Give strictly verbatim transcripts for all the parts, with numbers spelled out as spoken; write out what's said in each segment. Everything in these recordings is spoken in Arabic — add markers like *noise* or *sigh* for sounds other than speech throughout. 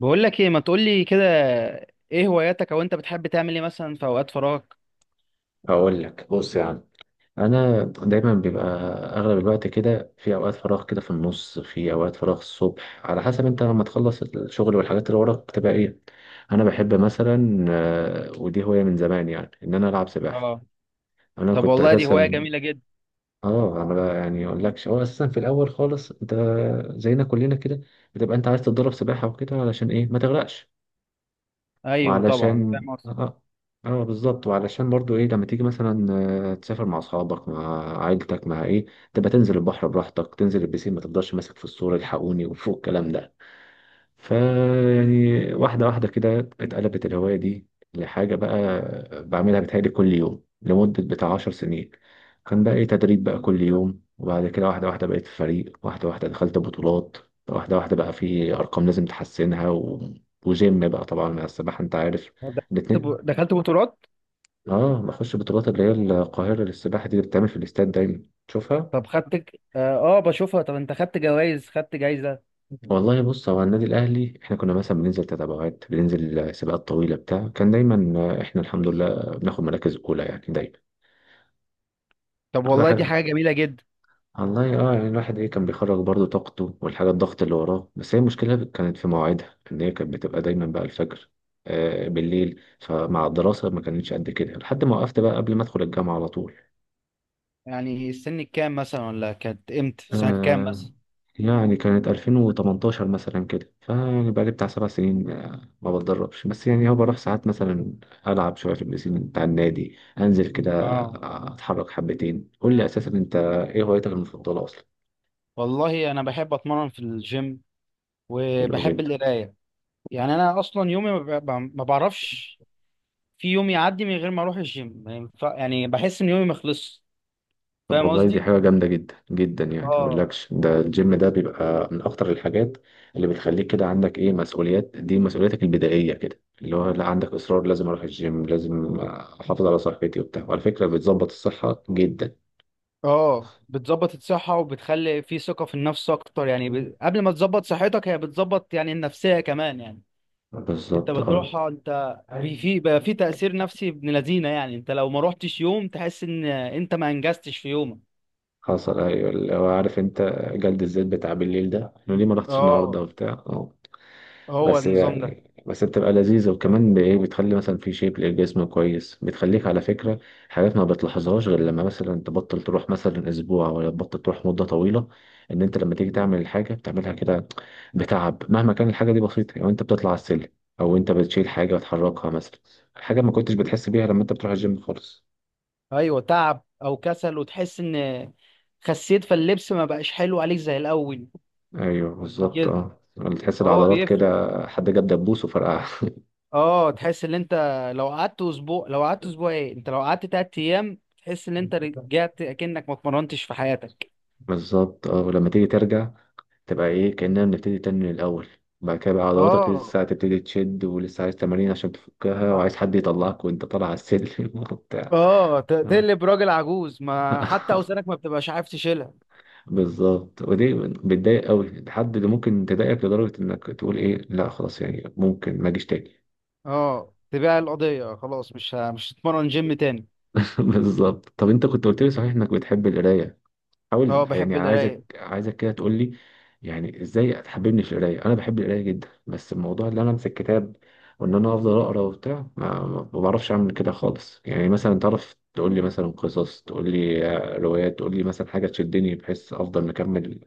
بقول لك ايه، ما تقول لي كده؟ ايه هواياتك، او انت بتحب تعمل ايه مثلا في اوقات فراغك؟ هقول لك بص يا عم. انا دايما بيبقى اغلب الوقت كده في اوقات فراغ، كده في النص في اوقات فراغ الصبح، على حسب انت لما تخلص الشغل والحاجات اللي وراك بتبقى ايه. انا بحب مثلا آه، ودي هوايه من زمان يعني، ان انا العب سباحه. اه. انا طب كنت والله دي هواية اساسا جميلة جدا. اه انا بقى يعني اقول لكش، هو اساسا في الاول خالص انت زينا كلنا كده بتبقى انت عايز تتدرب سباحه وكده علشان ايه؟ ما تغرقش. ايوه طبعا، وعلشان فاهم قصدي. اه اه بالظبط، وعلشان برضو ايه، لما تيجي مثلا آه، تسافر مع اصحابك، مع عائلتك، مع ايه، تبقى تنزل البحر براحتك، تنزل البسين، ما تفضلش ماسك في الصورة الحقوني وفوق الكلام ده. فيعني واحدة واحدة كده اتقلبت الهواية دي لحاجة بقى بعملها، بتهيألي كل يوم لمدة بتاع عشر سنين. كان بقى إيه؟ تدريب بقى كل يوم، وبعد كده واحدة واحدة بقيت في فريق، واحدة واحدة دخلت بطولات، واحدة واحدة بقى في أرقام لازم تحسنها و... وجيم بقى طبعا مع السباحة أنت عارف، دخلت ب- الاتنين. دخلت بطولات. آه، بخش بطولات اللي هي القاهرة للسباحة دي، اللي بتتعمل في الاستاد دايما تشوفها. طب، خدت ك- اه، آه، بشوفها. طب انت خدت جوائز، خدت جايزة؟ والله بص، هو النادي الاهلي احنا كنا مثلا بننزل تتابعات، بننزل سباقات طويله بتاع، كان دايما آه، احنا الحمد لله بناخد مراكز اولى يعني دايما. طب تبقى والله دي حاجه حاجة جميلة جدا. والله. اه يعني الواحد ايه، كان بيخرج برضه طاقته والحاجه، الضغط اللي وراه، بس هي المشكله كانت في مواعيدها، ان هي كانت بتبقى دايما بقى الفجر آه بالليل، فمع الدراسه ما كانتش قد كده، لحد ما وقفت بقى قبل ما ادخل الجامعه على طول. يعني السن الكام مثلا، ولا كانت امتى، سنة كام آه، مثلا؟ يعني كانت ألفين وتمنتاشر مثلا كده، فيعني بقالي بتاع سبع سنين آه، ما بتدربش، بس يعني هو بروح ساعات مثلا، ألعب شوية في البسين بتاع النادي، أنزل كده اه، آه، أتحرك حبتين. قول لي أساسا أنت إيه هوايتك المفضلة أصلا؟ والله انا بحب اتمرن في الجيم، حلو. وبحب القراية. يعني انا اصلا يومي ما ب- ما بعرفش في يوم يعدي من غير ما اروح الجيم. ما ينفع- يعني بحس ان يومي ما خلصش. طب فاهم والله دي قصدي؟ حاجة جامدة جدا جدا، يعني ما اه. اقولكش، ده الجيم ده بيبقى من اكتر الحاجات اللي بتخليك كده عندك ايه، مسؤوليات، دي مسؤوليتك البدائية كده، اللي هو لا، عندك اصرار لازم اروح الجيم، لازم احافظ على صحتي وبتاع، وعلى فكرة بتظبط الصحة جدا. اه، بتظبط الصحة، وبتخلي في ثقة في النفس اكتر. يعني ب... قبل ما تظبط صحتك، هي بتظبط يعني النفسية كمان يعني. انت بالظبط اه. بتروحها، انت في في بقى في تأثير نفسي ابن لذينة يعني. انت لو ما روحتش يوم، تحس ان انت ما انجزتش في يومك. حصل، ايوه، اللي هو عارف انت جلد الذات بتاع بالليل ده، انا ليه ما رحتش النهارده اه. وبتاع آه. هو بس النظام ده. يعني، بس بتبقى لذيذة، وكمان بإيه، بتخلي مثلا في شيب للجسم كويس، بتخليك على فكرة حاجات ما بتلاحظهاش غير لما مثلا تبطل تروح مثلا أسبوع، ولا تبطل تروح مدة طويلة، إن أنت لما تيجي تعمل الحاجة بتعملها كده بتعب، مهما كان الحاجة دي بسيطة. يعني أنت بتطلع على السلم، أو أنت بتشيل حاجة وتحركها مثلا، حاجة ما كنتش بتحس بيها لما أنت بتروح الجيم خالص. ايوه، تعب او كسل، وتحس ان خسيت، فاللبس ما بقاش حلو عليك زي الاول، أيوه بالظبط كده. أه. تحس فهو العضلات كده بيفرق. حد جاب دبوس وفرقعها. *laughs* اه، تحس ان انت لو قعدت اسبوع لو قعدت اسبوع ايه انت لو قعدت تلات ايام، تحس ان انت رجعت اكنك ما اتمرنتش في حياتك. بالظبط اه. ولما تيجي ترجع تبقى ايه، كأننا بنبتدي تاني من الأول. بعد كده بقى عضلاتك اه، لسه هتبتدي تشد، ولسه عايز تمارين عشان تفكها، وعايز حد يطلعك وانت طالع على السلم *laughs* وبتاع. اه. ت- تقلب راجل عجوز، ما حتى *laughs* اوزانك ما بتبقاش عارف تشيلها. بالظبط، ودي بتضايق قوي، الحد اللي ممكن تضايقك لدرجة انك تقول ايه، لا خلاص يعني ممكن ما اجيش تاني. اه، تبيع القضية، خلاص مش ه- مش هتتمرن جيم تاني. *laughs* بالظبط. طب انت كنت قلت لي صحيح انك بتحب القراية؟ اه، حاول يعني، بحب عايزك القراية. عايزك كده تقول لي يعني ازاي تحببني في القرايه. انا بحب القرايه جدا، بس الموضوع اللي انا امسك كتاب وان انا افضل اقرا وبتاع، ما ما بعرفش اعمل كده خالص. يعني مثلا تعرف تقول لي مثلا قصص، تقول لي آه، روايات، تقول لي مثلا حاجه تشدني بحيث افضل مكمل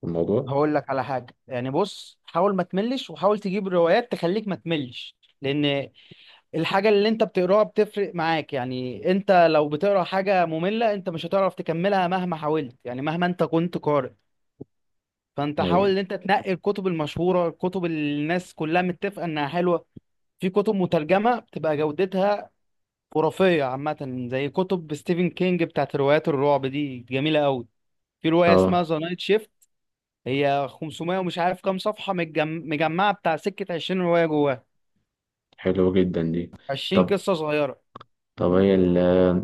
في الموضوع. هقول لك على حاجة، يعني بص، حاول ما تملش، وحاول تجيب روايات تخليك ما تملش. لان الحاجة اللي انت بتقراها بتفرق معاك. يعني انت لو بتقرا حاجة مملة، انت مش هتعرف تكملها مهما حاولت، يعني مهما انت كنت قارئ. فانت حاول ايوه ان انت تنقي الكتب المشهورة، الكتب اللي الناس كلها متفقة انها حلوة. في كتب مترجمة بتبقى جودتها خرافية، عامة زي كتب ستيفن كينج بتاعت روايات الرعب دي، جميلة قوي. في رواية اسمها اه. ذا نايت شيفت، هي خمسمائة ومش عارف كام صفحة، متجم- مجمعة بتاع، سكة 20 رواية جواها، حلو جدا دي. 20 طب قصة صغيرة. طب هي ال-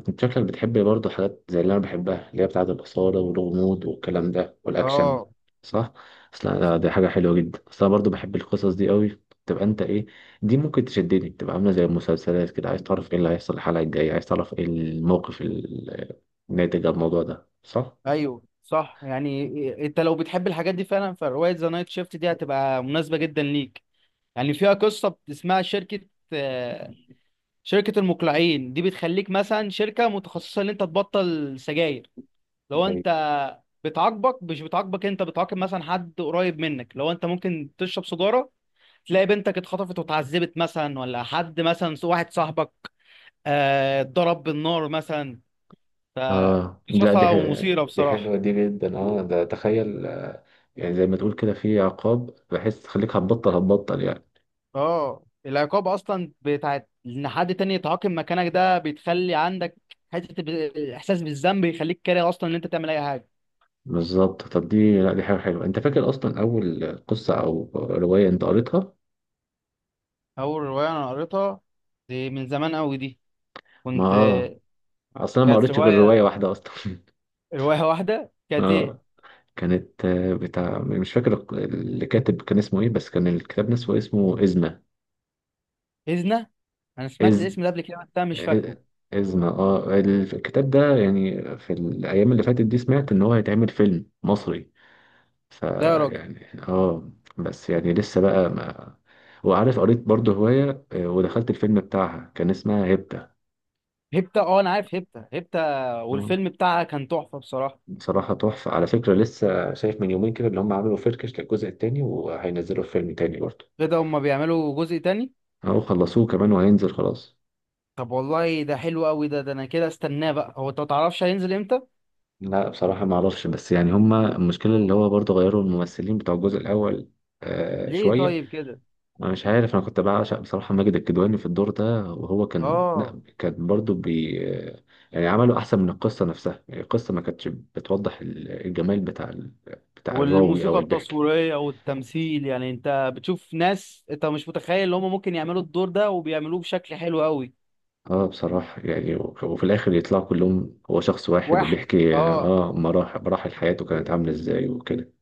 انت شكلك بتحب برضه حاجات زي اللي انا بحبها، اللي هي بتاعة الإثارة والغموض والكلام ده والأكشن، اه. صح؟ اصل أنا- دي حاجة حلوة جدا، اصل انا برضه بحب القصص دي قوي. تبقى انت ايه، دي ممكن تشدني، تبقى عاملة زي المسلسلات كده، عايز تعرف ايه اللي هيحصل الحلقة الجاية، عايز تعرف ايه الموقف ال- الناتج عن الموضوع ده، صح؟ ايوه صح، يعني إيه، انت لو بتحب الحاجات دي فعلا، فروايه ذا نايت شيفت دي هتبقى مناسبه جدا ليك. يعني فيها قصه اسمها شركه، آه، شركه المقلعين، دي بتخليك مثلا شركه متخصصه ان انت تبطل سجاير لو انت. أيوة. بتعاقبك، مش بتعاقبك انت، بتعاقب مثلا حد قريب منك لو انت ممكن تشرب سيجاره. تلاقي بنتك اتخطفت واتعذبت مثلا، ولا حد مثلا، واحد صاحبك آه، اتضرب بالنار مثلا. ف اه لا دي قصصها ح- ومثيره دي بصراحه. حلوة دي جدا. اه ده تخيل آه، يعني زي ما تقول كده في عقاب بحس، تخليك هتبطل هتبطل يعني. اه، العقاب اصلا بتاعت ان حد تاني يتعاقب مكانك ده، بتخلي عندك حته ب- احساس بالذنب، يخليك كاره اصلا ان انت تعمل اي حاجه. بالظبط. طب دي لا، دي حاجة حلوة. انت فاكر اصلا اول قصة او رواية انت قريتها؟ اول روايه انا قريتها، دي من زمان قوي دي. ما كنت اه اصلا أنا ما كانت قريتش غير رواية روايه واحدة اصلا. *laughs* روايه واحده، كانت ايه. اه كانت آه، بتاع، مش فاكر الق- اللي كاتب كان اسمه ايه، بس كان الكتاب نفسه اسمه إزمة. هزنه، انا سمعت إز الاسم ده قبل كده، بس أنا مش إ- فاكره. إزمة، اه. الكتاب ده يعني في الايام اللي فاتت دي سمعت ان هو هيتعمل فيلم مصري، ده يا راجل. فيعني اه بس يعني لسه بقى ما. وعارف قريت برضه هواية آه، ودخلت الفيلم بتاعها، كان اسمها هبدة. هيبتا، اه انا عارف، هيبتا هيبتا. آه. والفيلم بتاعها كان تحفه بصراحه. بصراحة تحفة، على فكرة لسه شايف من يومين كده اللي هم عملوا فركش للجزء التاني، وهينزلوا فيلم تاني برضه. كده هما بيعملوا جزء تاني. أهو خلصوه كمان وهينزل خلاص. طب والله ده حلو قوي ده ده انا كده استناه بقى. هو انت ما تعرفش هينزل امتى؟ لا بصراحة ما أعرفش، بس يعني هم المشكلة اللي هو برضه غيروا الممثلين بتوع الجزء الأول آه ليه شوية. طيب كده؟ أنا مش عارف، أنا كنت بعشق بصراحة ماجد الكدواني في الدور ده، وهو كان اه، لا، كان برضه بي آه، يعني عملوا أحسن من القصة نفسها. يعني القصة ما كانتش بتوضح ال- الجمال بتاع ال- بتاع الراوي أو والموسيقى البحكي. التصويرية والتمثيل، يعني انت بتشوف ناس انت مش متخيل ان هم ممكن يعملوا الدور ده، وبيعملوه بشكل حلو قوي. اه بصراحة يعني وك- وفي الآخر يطلعوا كلهم هو شخص واحد، واحد، وبيحكي اه. اه مراحل مراحل حياته كانت عاملة ازاي وكده.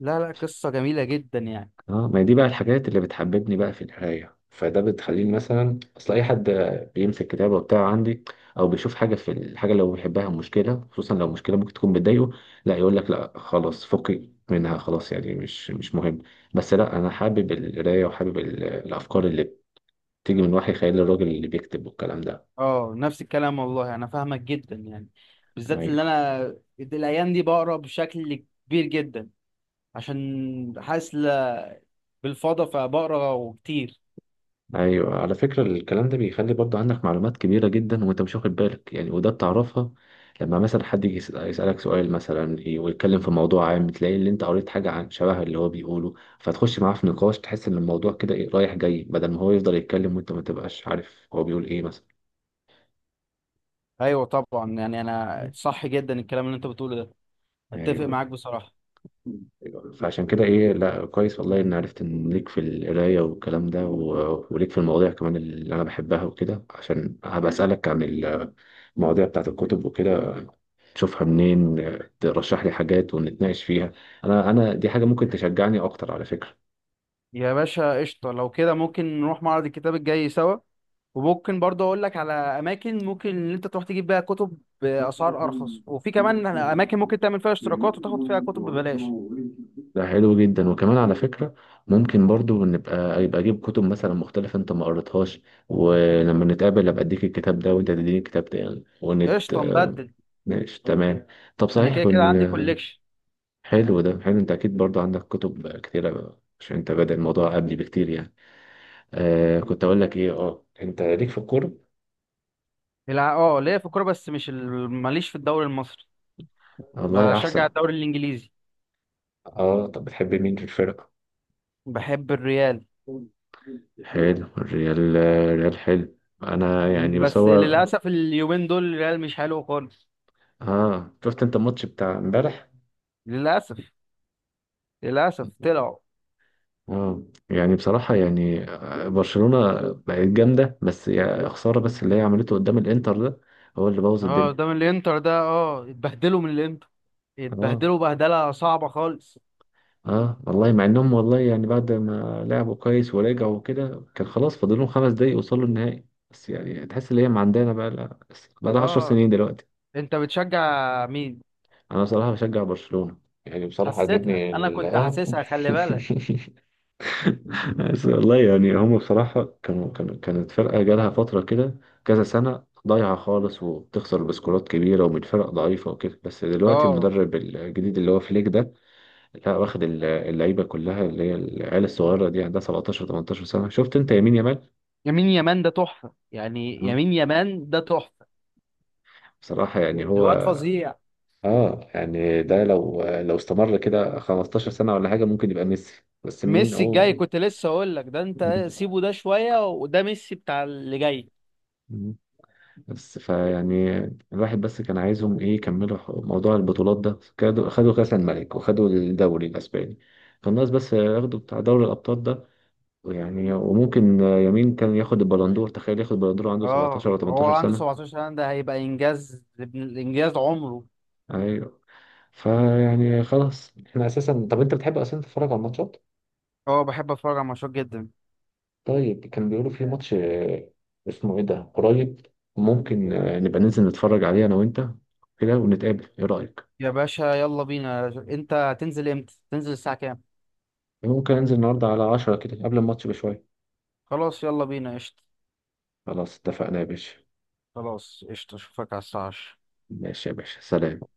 لا لا، قصة جميلة جدا يعني. اه، ما هي دي بقى الحاجات اللي بتحببني بقى في القراية، فده بتخليني مثلا، اصل اي حد بيمسك كتابة وبتاع عندي، او بيشوف حاجة في الحاجة اللي هو بيحبها مشكلة، خصوصا لو مشكلة ممكن تكون بتضايقه، لا يقول لك لا خلاص فكي منها، خلاص يعني مش مش مهم. بس لا، انا حابب القراية وحابب ال- الافكار اللي بتيجي من وحي خيال الراجل اللي بيكتب والكلام ده. اه، نفس الكلام والله، انا فاهمك جدا يعني. بالذات اللي ايوه. انا الايام دي بقرا بشكل كبير جدا، عشان حاسس ل- بالفضا، فبقرا وكتير. ايوه على فكره، الكلام ده بيخلي برضه عندك معلومات كبيره جدا وانت مش واخد بالك يعني، وده بتعرفها لما مثلا حد يجي يسأل- يسالك سؤال مثلا، ي- ويتكلم في موضوع عام، تلاقي اللي انت قريت حاجه عن شبه اللي هو بيقوله، فتخش معاه في نقاش، تحس ان الموضوع كده إيه، رايح جاي، بدل ما هو يفضل يتكلم وانت ما تبقاش عارف هو بيقول ايه مثلا. ايوه طبعا، يعني انا صح جدا الكلام اللي انت بتقوله ده. اتفق ايوه. معاك بصراحة. أيوة. فعشان كده ايه، لا كويس والله ان عرفت ان ليك في القرايه والكلام ده، و- وليك في المواضيع كمان اللي انا بحبها وكده، عشان هبقى اسالك عن المواضيع بتاعت الكتب وكده، تشوفها منين، آه، ترشح لي حاجات ونتناقش فيها. انا انا دي حاجه ممكن تشجعني اكتر على فكره. يا باشا قشطة، لو كده ممكن نروح معرض الكتاب الجاي سوا. وممكن برضه أقول لك على أماكن ممكن إن أنت تروح تجيب بيها كتب بأسعار أرخص، وفي كمان أماكن ممكن تعمل فيها اشتراكات وتاخد فيها كتب ببلاش. ده حلو جدا. وكمان على فكره ممكن برضو نبقى، يبقى اجيب كتب مثلا مختلفه انت ما قريتهاش، ولما نتقابل ابقى اديك الكتاب ده وانت تديني الكتاب ده يعني، ونت قشطة آه، نبدل. ماشي تمام. طب أنا صحيح كده كده عندي بال... كوليكشن. حلو، ده حلو. انت اكيد برضو عندك كتب كتيره عشان انت بادئ الموضوع قبلي بكتير يعني. آه كنت اقول لك ايه، اه انت ليك في الكوره؟ الع- اه، ليا في الكورة، بس مش ال- ماليش في الدوري المصري. والله بشجع احسن. الدوري الإنجليزي. اه طب بتحب مين في الفرقه؟ بحب الريال. حلو، الريال، الريال حلو. انا يعني بس بس هو. للأسف اليومين دول الريال مش حلو خالص. اه شفت انت الماتش بتاع امبارح؟ للأسف. للأسف طلعوا. اه يعني بصراحة يعني آه، برشلونة بقت جامدة، بس يا خسارة بس اللي هي عملته قدام الانتر ده هو اللي بوظ اه، الدنيا. قدام الانتر ده، اه اتبهدلوا من الانتر، اه. اتبهدلوا بهدله صعبه خالص. اه والله مع انهم، والله يعني بعد ما لعبوا كويس ورجعوا وكده، كان خلاص فاضل لهم خمس دقايق يوصلوا النهائي. بس يعني تحس ان هي ما عندنا، بقى لها بقى لها عشر اه. سنين دلوقتي. انت بتشجع مين؟ انا بصراحة بشجع برشلونة، يعني بصراحة حسيتها، عجبني انا كنت ال- حاسسها، خلي بالك. *laughs* بس والله يعني هم بصراحة كانوا كانوا كانت فرقة جالها فترة كده كذا سنة ضايعة خالص، وبتخسر بسكورات كبيرة ومن فرق ضعيفة وكده، بس دلوقتي اه، المدرب الجديد اللي هو فليك ده، لا واخد ال- اللعيبة كلها اللي هي العيال الصغيرة دي عندها سبعتاشر تمنتاشر سنة. شفت انت يمين يامال؟ يمين يمان ده تحفه، يعني مم. يمين يمان ده تحفه. بصراحة يعني هو الواد فظيع. اه يعني ده لو لو استمر كده خمستاشر سنة ولا حاجة ممكن يبقى ميسي، بس مين ميسي الجاي، هو؟ كنت لسه اقول لك ده، انت سيبه ده شويه، وده ميسي بتاع اللي جاي. مم. بس فيعني الواحد بس كان عايزهم ايه، يكملوا ح- موضوع البطولات ده، خدوا خدوا كأس الملك، وخدوا الدوري الاسباني، فالناس بس ياخدوا بتاع دوري الابطال ده. ويعني وممكن يمين كان ياخد البلندور، تخيل ياخد البلندور عنده سبعتاشر اه، ولا هو تمنتاشر عنده سنة. سبعة عشر سنة سنه، ده هيبقى انجاز، ابن- انجاز عمره. ايوه فيعني خلاص. احنا اساسا طب انت بتحب اصلا تتفرج على الماتشات؟ اه، بحب اتفرج على ماتشات جدا. طيب كان بيقولوا في ماتش آه، اسمه ايه ده قريب، ممكن آه، نبقى ننزل نتفرج عليه انا وانت كده، ونتقابل، ايه رأيك؟ يا باشا يلا بينا، انت هتنزل امتى، تنزل الساعة كام؟ ممكن انزل النهارده على عشرة كده قبل الماتش بشوية. خلاص يلا بينا قشطة. خلاص اتفقنا يا باشا. خلاص قشطة، اشوفك على الساعة عشرة. ماشي يا باشا، سلام.